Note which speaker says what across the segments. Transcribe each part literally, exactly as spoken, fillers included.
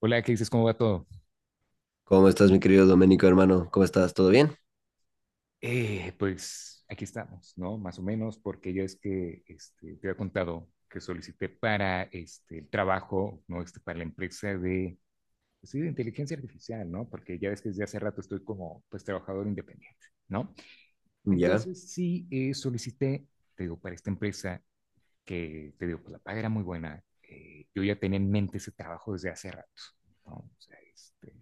Speaker 1: Hola, ¿qué dices? ¿Cómo va todo?
Speaker 2: ¿Cómo estás, mi querido Doménico, hermano? ¿Cómo estás? ¿Todo bien?
Speaker 1: Eh, pues aquí estamos, ¿no? Más o menos, porque ya es que este, te había contado que solicité para este, el trabajo, ¿no? Este, para la empresa de, pues, sí, de inteligencia artificial, ¿no? Porque ya ves que desde hace rato estoy como, pues, trabajador independiente, ¿no?
Speaker 2: Ya.
Speaker 1: Entonces, sí, eh, solicité, te digo, para esta empresa que, te digo, pues la paga era muy buena. eh, yo ya tenía en mente ese trabajo desde hace rato, ¿no? O sea, este,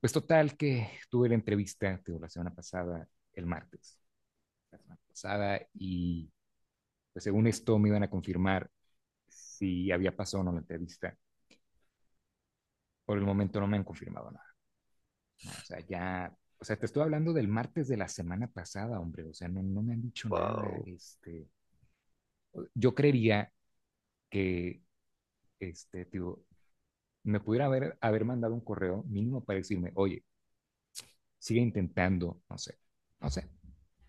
Speaker 1: Pues total que tuve la entrevista, te digo, la semana pasada, el martes, la semana pasada, y pues según esto me iban a confirmar si había pasado o no la entrevista. Por el momento no me han confirmado nada, ¿no? O sea, ya, o sea, te estoy hablando del martes de la semana pasada, hombre, o sea, no, no me han dicho nada,
Speaker 2: Wow.
Speaker 1: este, yo creería que, este, te digo, me pudiera haber, haber mandado un correo mínimo para decirme, oye, sigue intentando, no sé, no sé,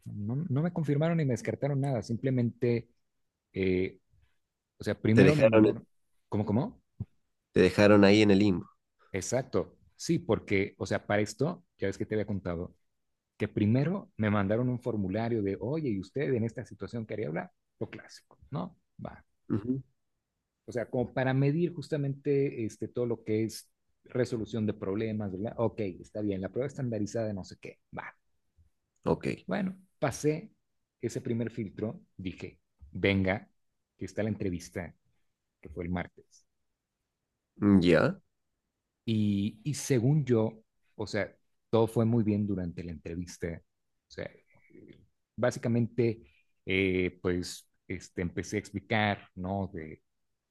Speaker 1: no, no no me confirmaron ni me descartaron nada, simplemente. Eh, o sea,
Speaker 2: Te
Speaker 1: primero me
Speaker 2: dejaron,
Speaker 1: mandaron, ¿cómo, cómo?
Speaker 2: te dejaron ahí en el limbo.
Speaker 1: Exacto, sí, porque, o sea, para esto, ya ves que te había contado, que primero me mandaron un formulario de, oye, ¿y usted en esta situación quería hablar? Lo clásico, ¿no? Va.
Speaker 2: Ujú.
Speaker 1: O sea, como para medir justamente este, todo lo que es resolución de problemas, ¿verdad? Ok, está bien, la prueba estandarizada, no sé qué, va.
Speaker 2: Ok.
Speaker 1: Bueno, pasé ese primer filtro, dije, venga, que está la entrevista, que fue el martes.
Speaker 2: Ya.
Speaker 1: Y, y según yo, o sea, todo fue muy bien durante la entrevista. O sea, eh, básicamente, eh, pues, este, empecé a explicar, ¿no? De,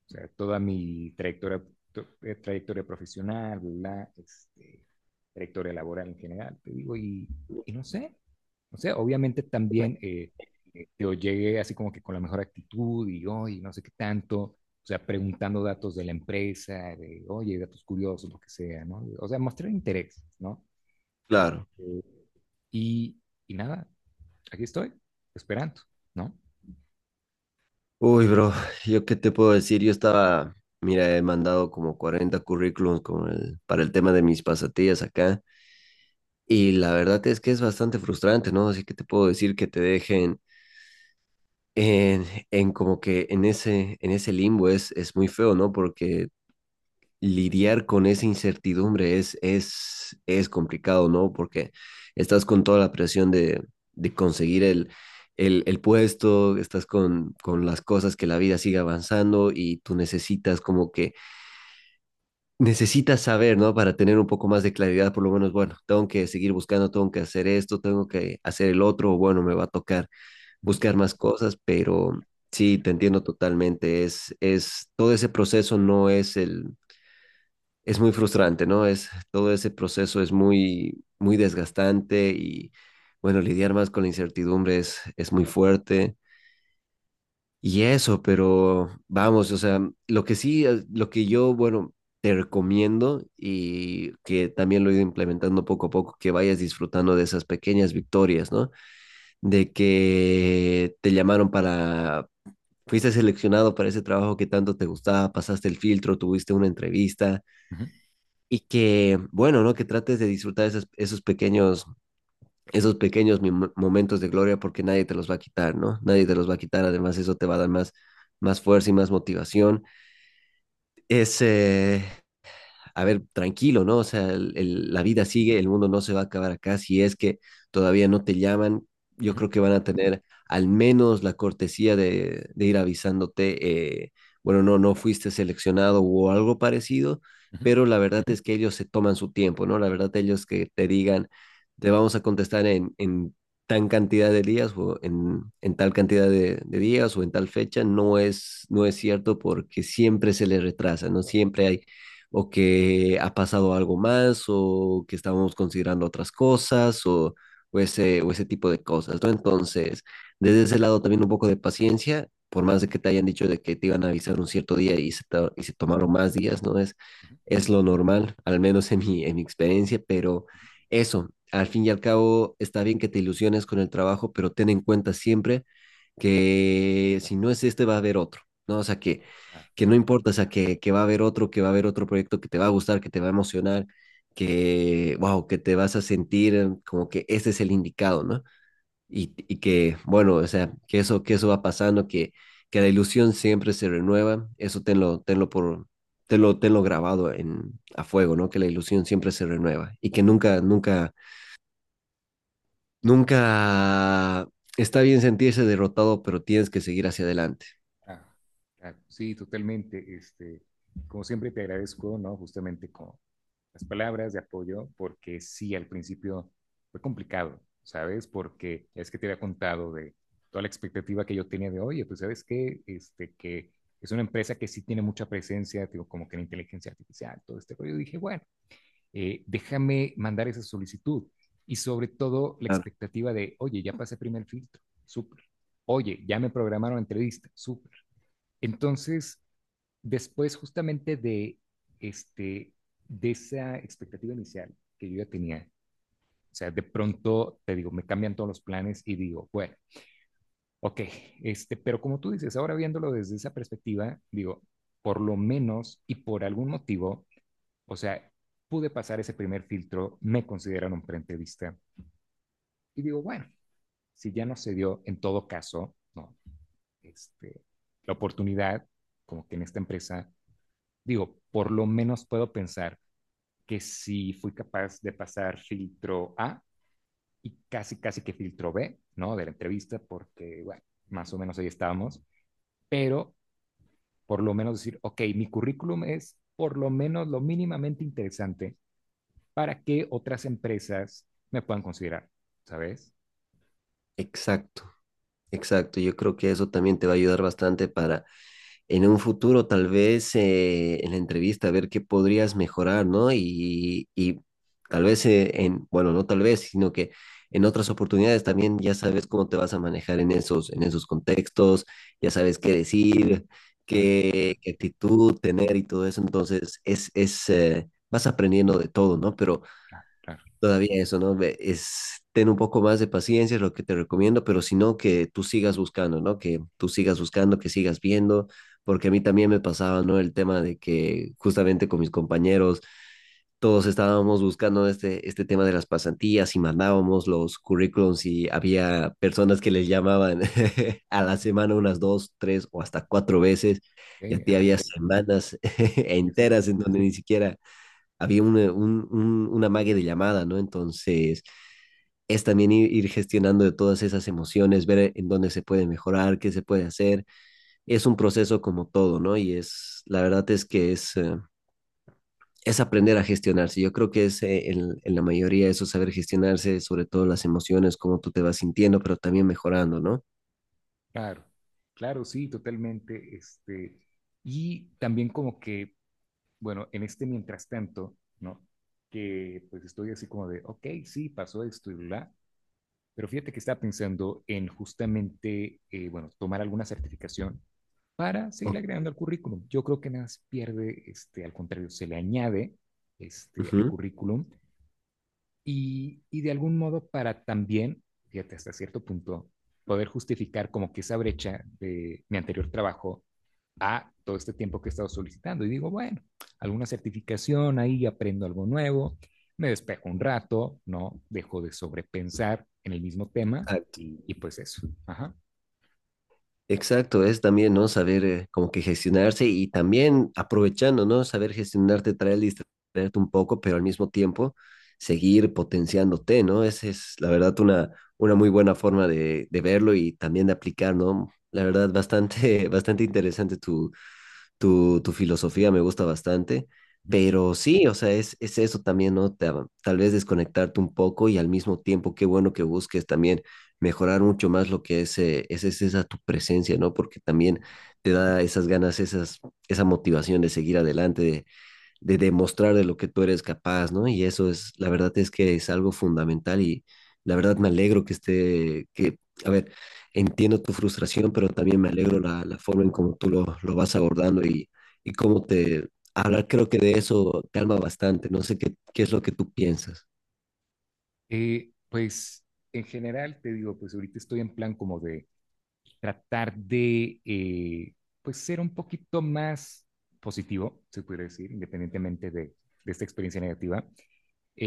Speaker 1: o sea, toda mi trayectoria, to- eh, trayectoria profesional, la trayectoria laboral en general, te digo, y, y no sé. O sea, obviamente también eh, yo llegué así como que con la mejor actitud y hoy no sé qué tanto, o sea, preguntando datos de la empresa, de oye, datos curiosos, lo que sea, ¿no? O sea, mostrar interés, ¿no? Este,
Speaker 2: Claro.
Speaker 1: y, y nada, aquí estoy, esperando, ¿no?
Speaker 2: Uy, bro, ¿yo qué te puedo decir? Yo estaba, mira, he mandado como cuarenta currículums con el- para el tema de mis pasatillas acá. Y la verdad es que es bastante frustrante, ¿no? Así que te puedo decir que te dejen en, en como que en ese, en ese limbo es, es muy feo, ¿no? Porque lidiar con esa incertidumbre es, es, es complicado, ¿no? Porque estás con toda la presión de, de conseguir el, el, el puesto, estás con, con las cosas, que la vida siga avanzando y tú necesitas como que, necesitas saber, ¿no? Para tener un poco más de claridad, por lo menos, bueno, tengo que seguir buscando, tengo que hacer esto, tengo que hacer el otro, o bueno, me va a tocar
Speaker 1: Ujú,
Speaker 2: buscar más cosas, pero... Sí, te entiendo totalmente. Es, es, todo ese proceso no es el, es muy frustrante, ¿no? Es, todo ese proceso es muy, muy desgastante y, bueno, lidiar más con la incertidumbre es, es muy fuerte. Y eso, pero vamos, o sea, lo que sí, eh, lo que yo, bueno, te recomiendo y que también lo he ido implementando poco a poco, que vayas disfrutando de esas pequeñas victorias, ¿no? De que te llamaron para, fuiste seleccionado para ese trabajo que tanto te gustaba, pasaste el filtro, tuviste una entrevista,
Speaker 1: ujú,
Speaker 2: y que, bueno, ¿no? Que trates de disfrutar esos, esos pequeños, esos pequeños mom- momentos de gloria porque nadie te los va a quitar, ¿no? Nadie te los va a quitar, además eso te va a dar más, más fuerza y más motivación. Es, eh, a ver, tranquilo, ¿no? O sea, el- el- la vida sigue, el mundo no se va a acabar acá. Si es que todavía no te llaman, yo
Speaker 1: ujú,
Speaker 2: creo que van a tener al menos la cortesía de, de ir avisándote, eh, bueno, no, no fuiste seleccionado o algo parecido,
Speaker 1: ujú.
Speaker 2: pero la verdad es que ellos se toman su tiempo, ¿no? La verdad ellos que te digan, te vamos a contestar en, en tan cantidad de días o en, en tal cantidad de, de días o en tal fecha, no es, no es cierto porque siempre se les retrasa, ¿no? Siempre hay o que ha pasado algo más, o que estábamos considerando otras cosas, o, o ese, o ese tipo de cosas, ¿no? Entonces, desde ese lado también un poco de paciencia, por más de que te hayan dicho de que te iban a avisar un cierto día y se, to- y se tomaron más días, ¿no? Es, es lo normal, al menos en mi, en mi experiencia, pero eso, al fin y al cabo, está bien que te ilusiones con el trabajo, pero ten en cuenta siempre que si no es este va a haber otro, ¿no? O sea, que,
Speaker 1: Ah,
Speaker 2: que no importa, o sea, que, que va a haber otro, que va a haber otro proyecto que te va a gustar, que te va a emocionar, que, wow, que te vas a sentir como que este es el indicado, ¿no? Y, y que, bueno, o sea, que eso, que eso va pasando, que, que la ilusión siempre se renueva, eso tenlo, tenlo por... Tenlo, tenlo grabado en, a fuego, ¿no? Que la ilusión siempre se renueva y que nunca, nunca, nunca está bien sentirse derrotado, pero tienes que seguir hacia adelante.
Speaker 1: claro, claro. Sí, totalmente. Este, como siempre te agradezco, ¿no? Justamente con las palabras de apoyo, porque sí, al principio fue complicado, ¿sabes? Porque es que te había contado de toda la expectativa que yo tenía de, oye, pues sabes qué, este, que es una empresa que sí tiene mucha presencia, digo, como que en inteligencia artificial, todo este rollo. Dije, bueno, eh, déjame mandar esa solicitud. Y sobre todo la
Speaker 2: Ah,
Speaker 1: expectativa de, oye, ya pasé primer filtro, súper. Oye, ya me programaron entrevista, súper. Entonces, después justamente de, este, de esa expectativa inicial que yo ya tenía, o sea, de pronto, te digo, me cambian todos los planes y digo, bueno, ok, este, pero como tú dices, ahora viéndolo desde esa perspectiva, digo, por lo menos y por algún motivo, o sea, pude pasar ese primer filtro, me consideran un preentrevista y digo, bueno, si ya no se dio, en todo caso, no, este, la oportunidad, como que en esta empresa digo, por lo menos puedo pensar que si fui capaz de pasar filtro A y casi, casi que filtro B, ¿no? De la entrevista, porque, bueno, más o menos ahí estábamos, pero por lo menos decir, ok, mi currículum es por lo menos lo mínimamente interesante para que otras empresas me puedan considerar, ¿sabes?
Speaker 2: exacto, exacto. Yo creo que eso también te va a ayudar bastante para en un futuro, tal vez eh, en la entrevista, ver qué podrías mejorar, ¿no? Y, y tal vez eh, en, bueno, no tal vez, sino que en otras oportunidades también ya sabes cómo te vas a manejar en esos, en esos contextos, ya sabes qué decir,
Speaker 1: Claro,
Speaker 2: qué, qué actitud tener y todo eso. Entonces, es, es, eh, vas aprendiendo de todo, ¿no? Pero
Speaker 1: claro, claro.
Speaker 2: todavía eso, ¿no? Ve- Es, ten un poco más de paciencia, es lo que te recomiendo, pero si no, que tú sigas buscando, ¿no? Que tú sigas buscando, que sigas viendo, porque a mí también me pasaba, ¿no? El tema de que justamente con mis compañeros todos estábamos buscando este, este tema de las pasantías y mandábamos los currículums y había personas que les llamaban a la semana unas dos, tres o hasta cuatro veces y a
Speaker 1: Okay,
Speaker 2: ti
Speaker 1: ajá.
Speaker 2: había semanas
Speaker 1: Sí, sí,
Speaker 2: enteras en donde ni siquiera había una, un, un, una mague de llamada, ¿no? Entonces, es también ir, ir gestionando de todas esas emociones, ver eh, en dónde se puede mejorar, qué se puede hacer. Es un proceso como todo, ¿no? Y es, la verdad es que es, eh, es aprender a gestionarse. Yo creo que es eh, en, en la mayoría eso, saber gestionarse, sobre todo las emociones, cómo tú te vas sintiendo, pero también mejorando, ¿no?
Speaker 1: claro, claro, sí, totalmente. Este, y también como que, bueno, en este mientras tanto, ¿no? Que pues estoy así como de, ok, sí, pasó esto y bla, pero fíjate que estaba pensando en justamente, eh, bueno, tomar alguna certificación para
Speaker 2: O-
Speaker 1: seguir agregando al currículum. Yo creo que nada se pierde, este, al contrario, se le añade este, al
Speaker 2: Ujú.
Speaker 1: currículum y, y de algún modo para también, fíjate, hasta cierto punto, poder justificar como que esa brecha de mi anterior trabajo a todo este tiempo que he estado solicitando. Y digo, bueno, alguna certificación ahí, aprendo algo nuevo, me despejo un rato, ¿no? Dejo de sobrepensar en el mismo tema y, y pues eso. Ajá.
Speaker 2: Exacto, es también, ¿no? Saber eh, como que gestionarse y también aprovechando, ¿no? Saber gestionarte, traer, distraerte un poco, pero al mismo tiempo seguir potenciándote, ¿no? Esa es la verdad una, una muy buena forma de, de verlo y también de aplicar, ¿no? La verdad, bastante, bastante interesante tu, tu filosofía me gusta bastante, pero sí, o sea, es, es eso también, ¿no? Ta- tal vez desconectarte un poco y al mismo tiempo, qué bueno que busques también mejorar mucho más lo que es, eh, es, es esa tu presencia, ¿no? Porque también te da esas ganas, esas, esa motivación de seguir adelante, de demostrar de lo que tú eres capaz, ¿no? Y eso es, la verdad es que es algo fundamental y la verdad me alegro que esté, que, a ver, entiendo tu frustración, pero también me alegro la, la forma en cómo tú lo, lo vas abordando y, y cómo te, hablar creo que de eso calma bastante, no sé qué, qué es lo que tú piensas,
Speaker 1: Eh, pues en general te digo, pues ahorita estoy en plan como de tratar de, eh, pues ser un poquito más positivo, se puede decir, independientemente de, de esta experiencia negativa.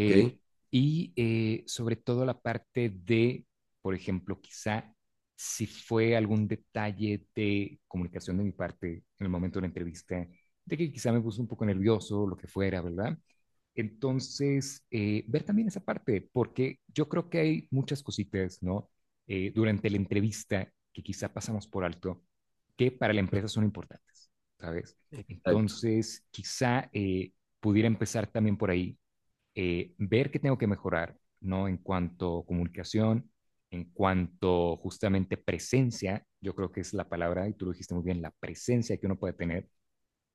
Speaker 2: ¿ok?
Speaker 1: y eh, sobre todo la parte de, por ejemplo, quizá si fue algún detalle de comunicación de mi parte en el momento de la entrevista, de que quizá me puso un poco nervioso, lo que fuera, ¿verdad? Entonces, eh, ver también esa parte, porque yo creo que hay muchas cositas, ¿no? Eh, durante la entrevista que quizá pasamos por alto, que para la empresa son importantes, ¿sabes?
Speaker 2: Exacto.
Speaker 1: Entonces, quizá eh, pudiera empezar también por ahí, eh, ver qué tengo que mejorar, ¿no? En cuanto a comunicación, en cuanto justamente presencia, yo creo que es la palabra, y tú lo dijiste muy bien, la presencia que uno puede tener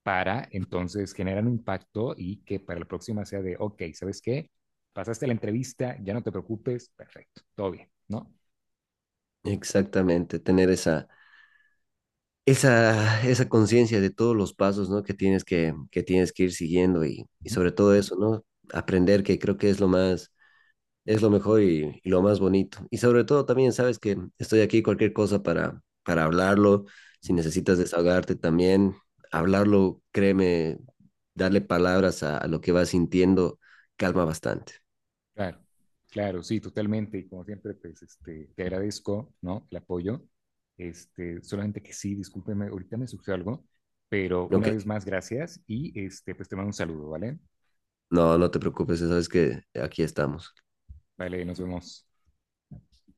Speaker 1: para entonces generar un impacto y que para la próxima sea de, ok, ¿sabes qué? Pasaste la entrevista, ya no te preocupes, perfecto, todo bien, ¿no?
Speaker 2: Exactamente, tener esa, esa, esa conciencia de todos los pasos, ¿no? Que tienes que, que, tienes que ir siguiendo y, y
Speaker 1: Uh -huh.
Speaker 2: sobre todo eso, ¿no? Aprender que creo que es lo más, es lo mejor y, y lo más bonito. Y sobre todo también sabes que estoy aquí cualquier cosa para, para hablarlo. Si necesitas desahogarte también, hablarlo, créeme, darle palabras a, a lo que vas sintiendo calma bastante.
Speaker 1: Claro, claro, sí, totalmente. Y como siempre, pues, este, te agradezco, ¿no? El apoyo. Este, solamente que sí, discúlpeme, ahorita me surgió algo, pero
Speaker 2: No,
Speaker 1: una
Speaker 2: que-
Speaker 1: vez más, gracias y este, pues te mando un saludo, ¿vale?
Speaker 2: no, no te preocupes, sabes que aquí estamos.
Speaker 1: Vale, nos vemos.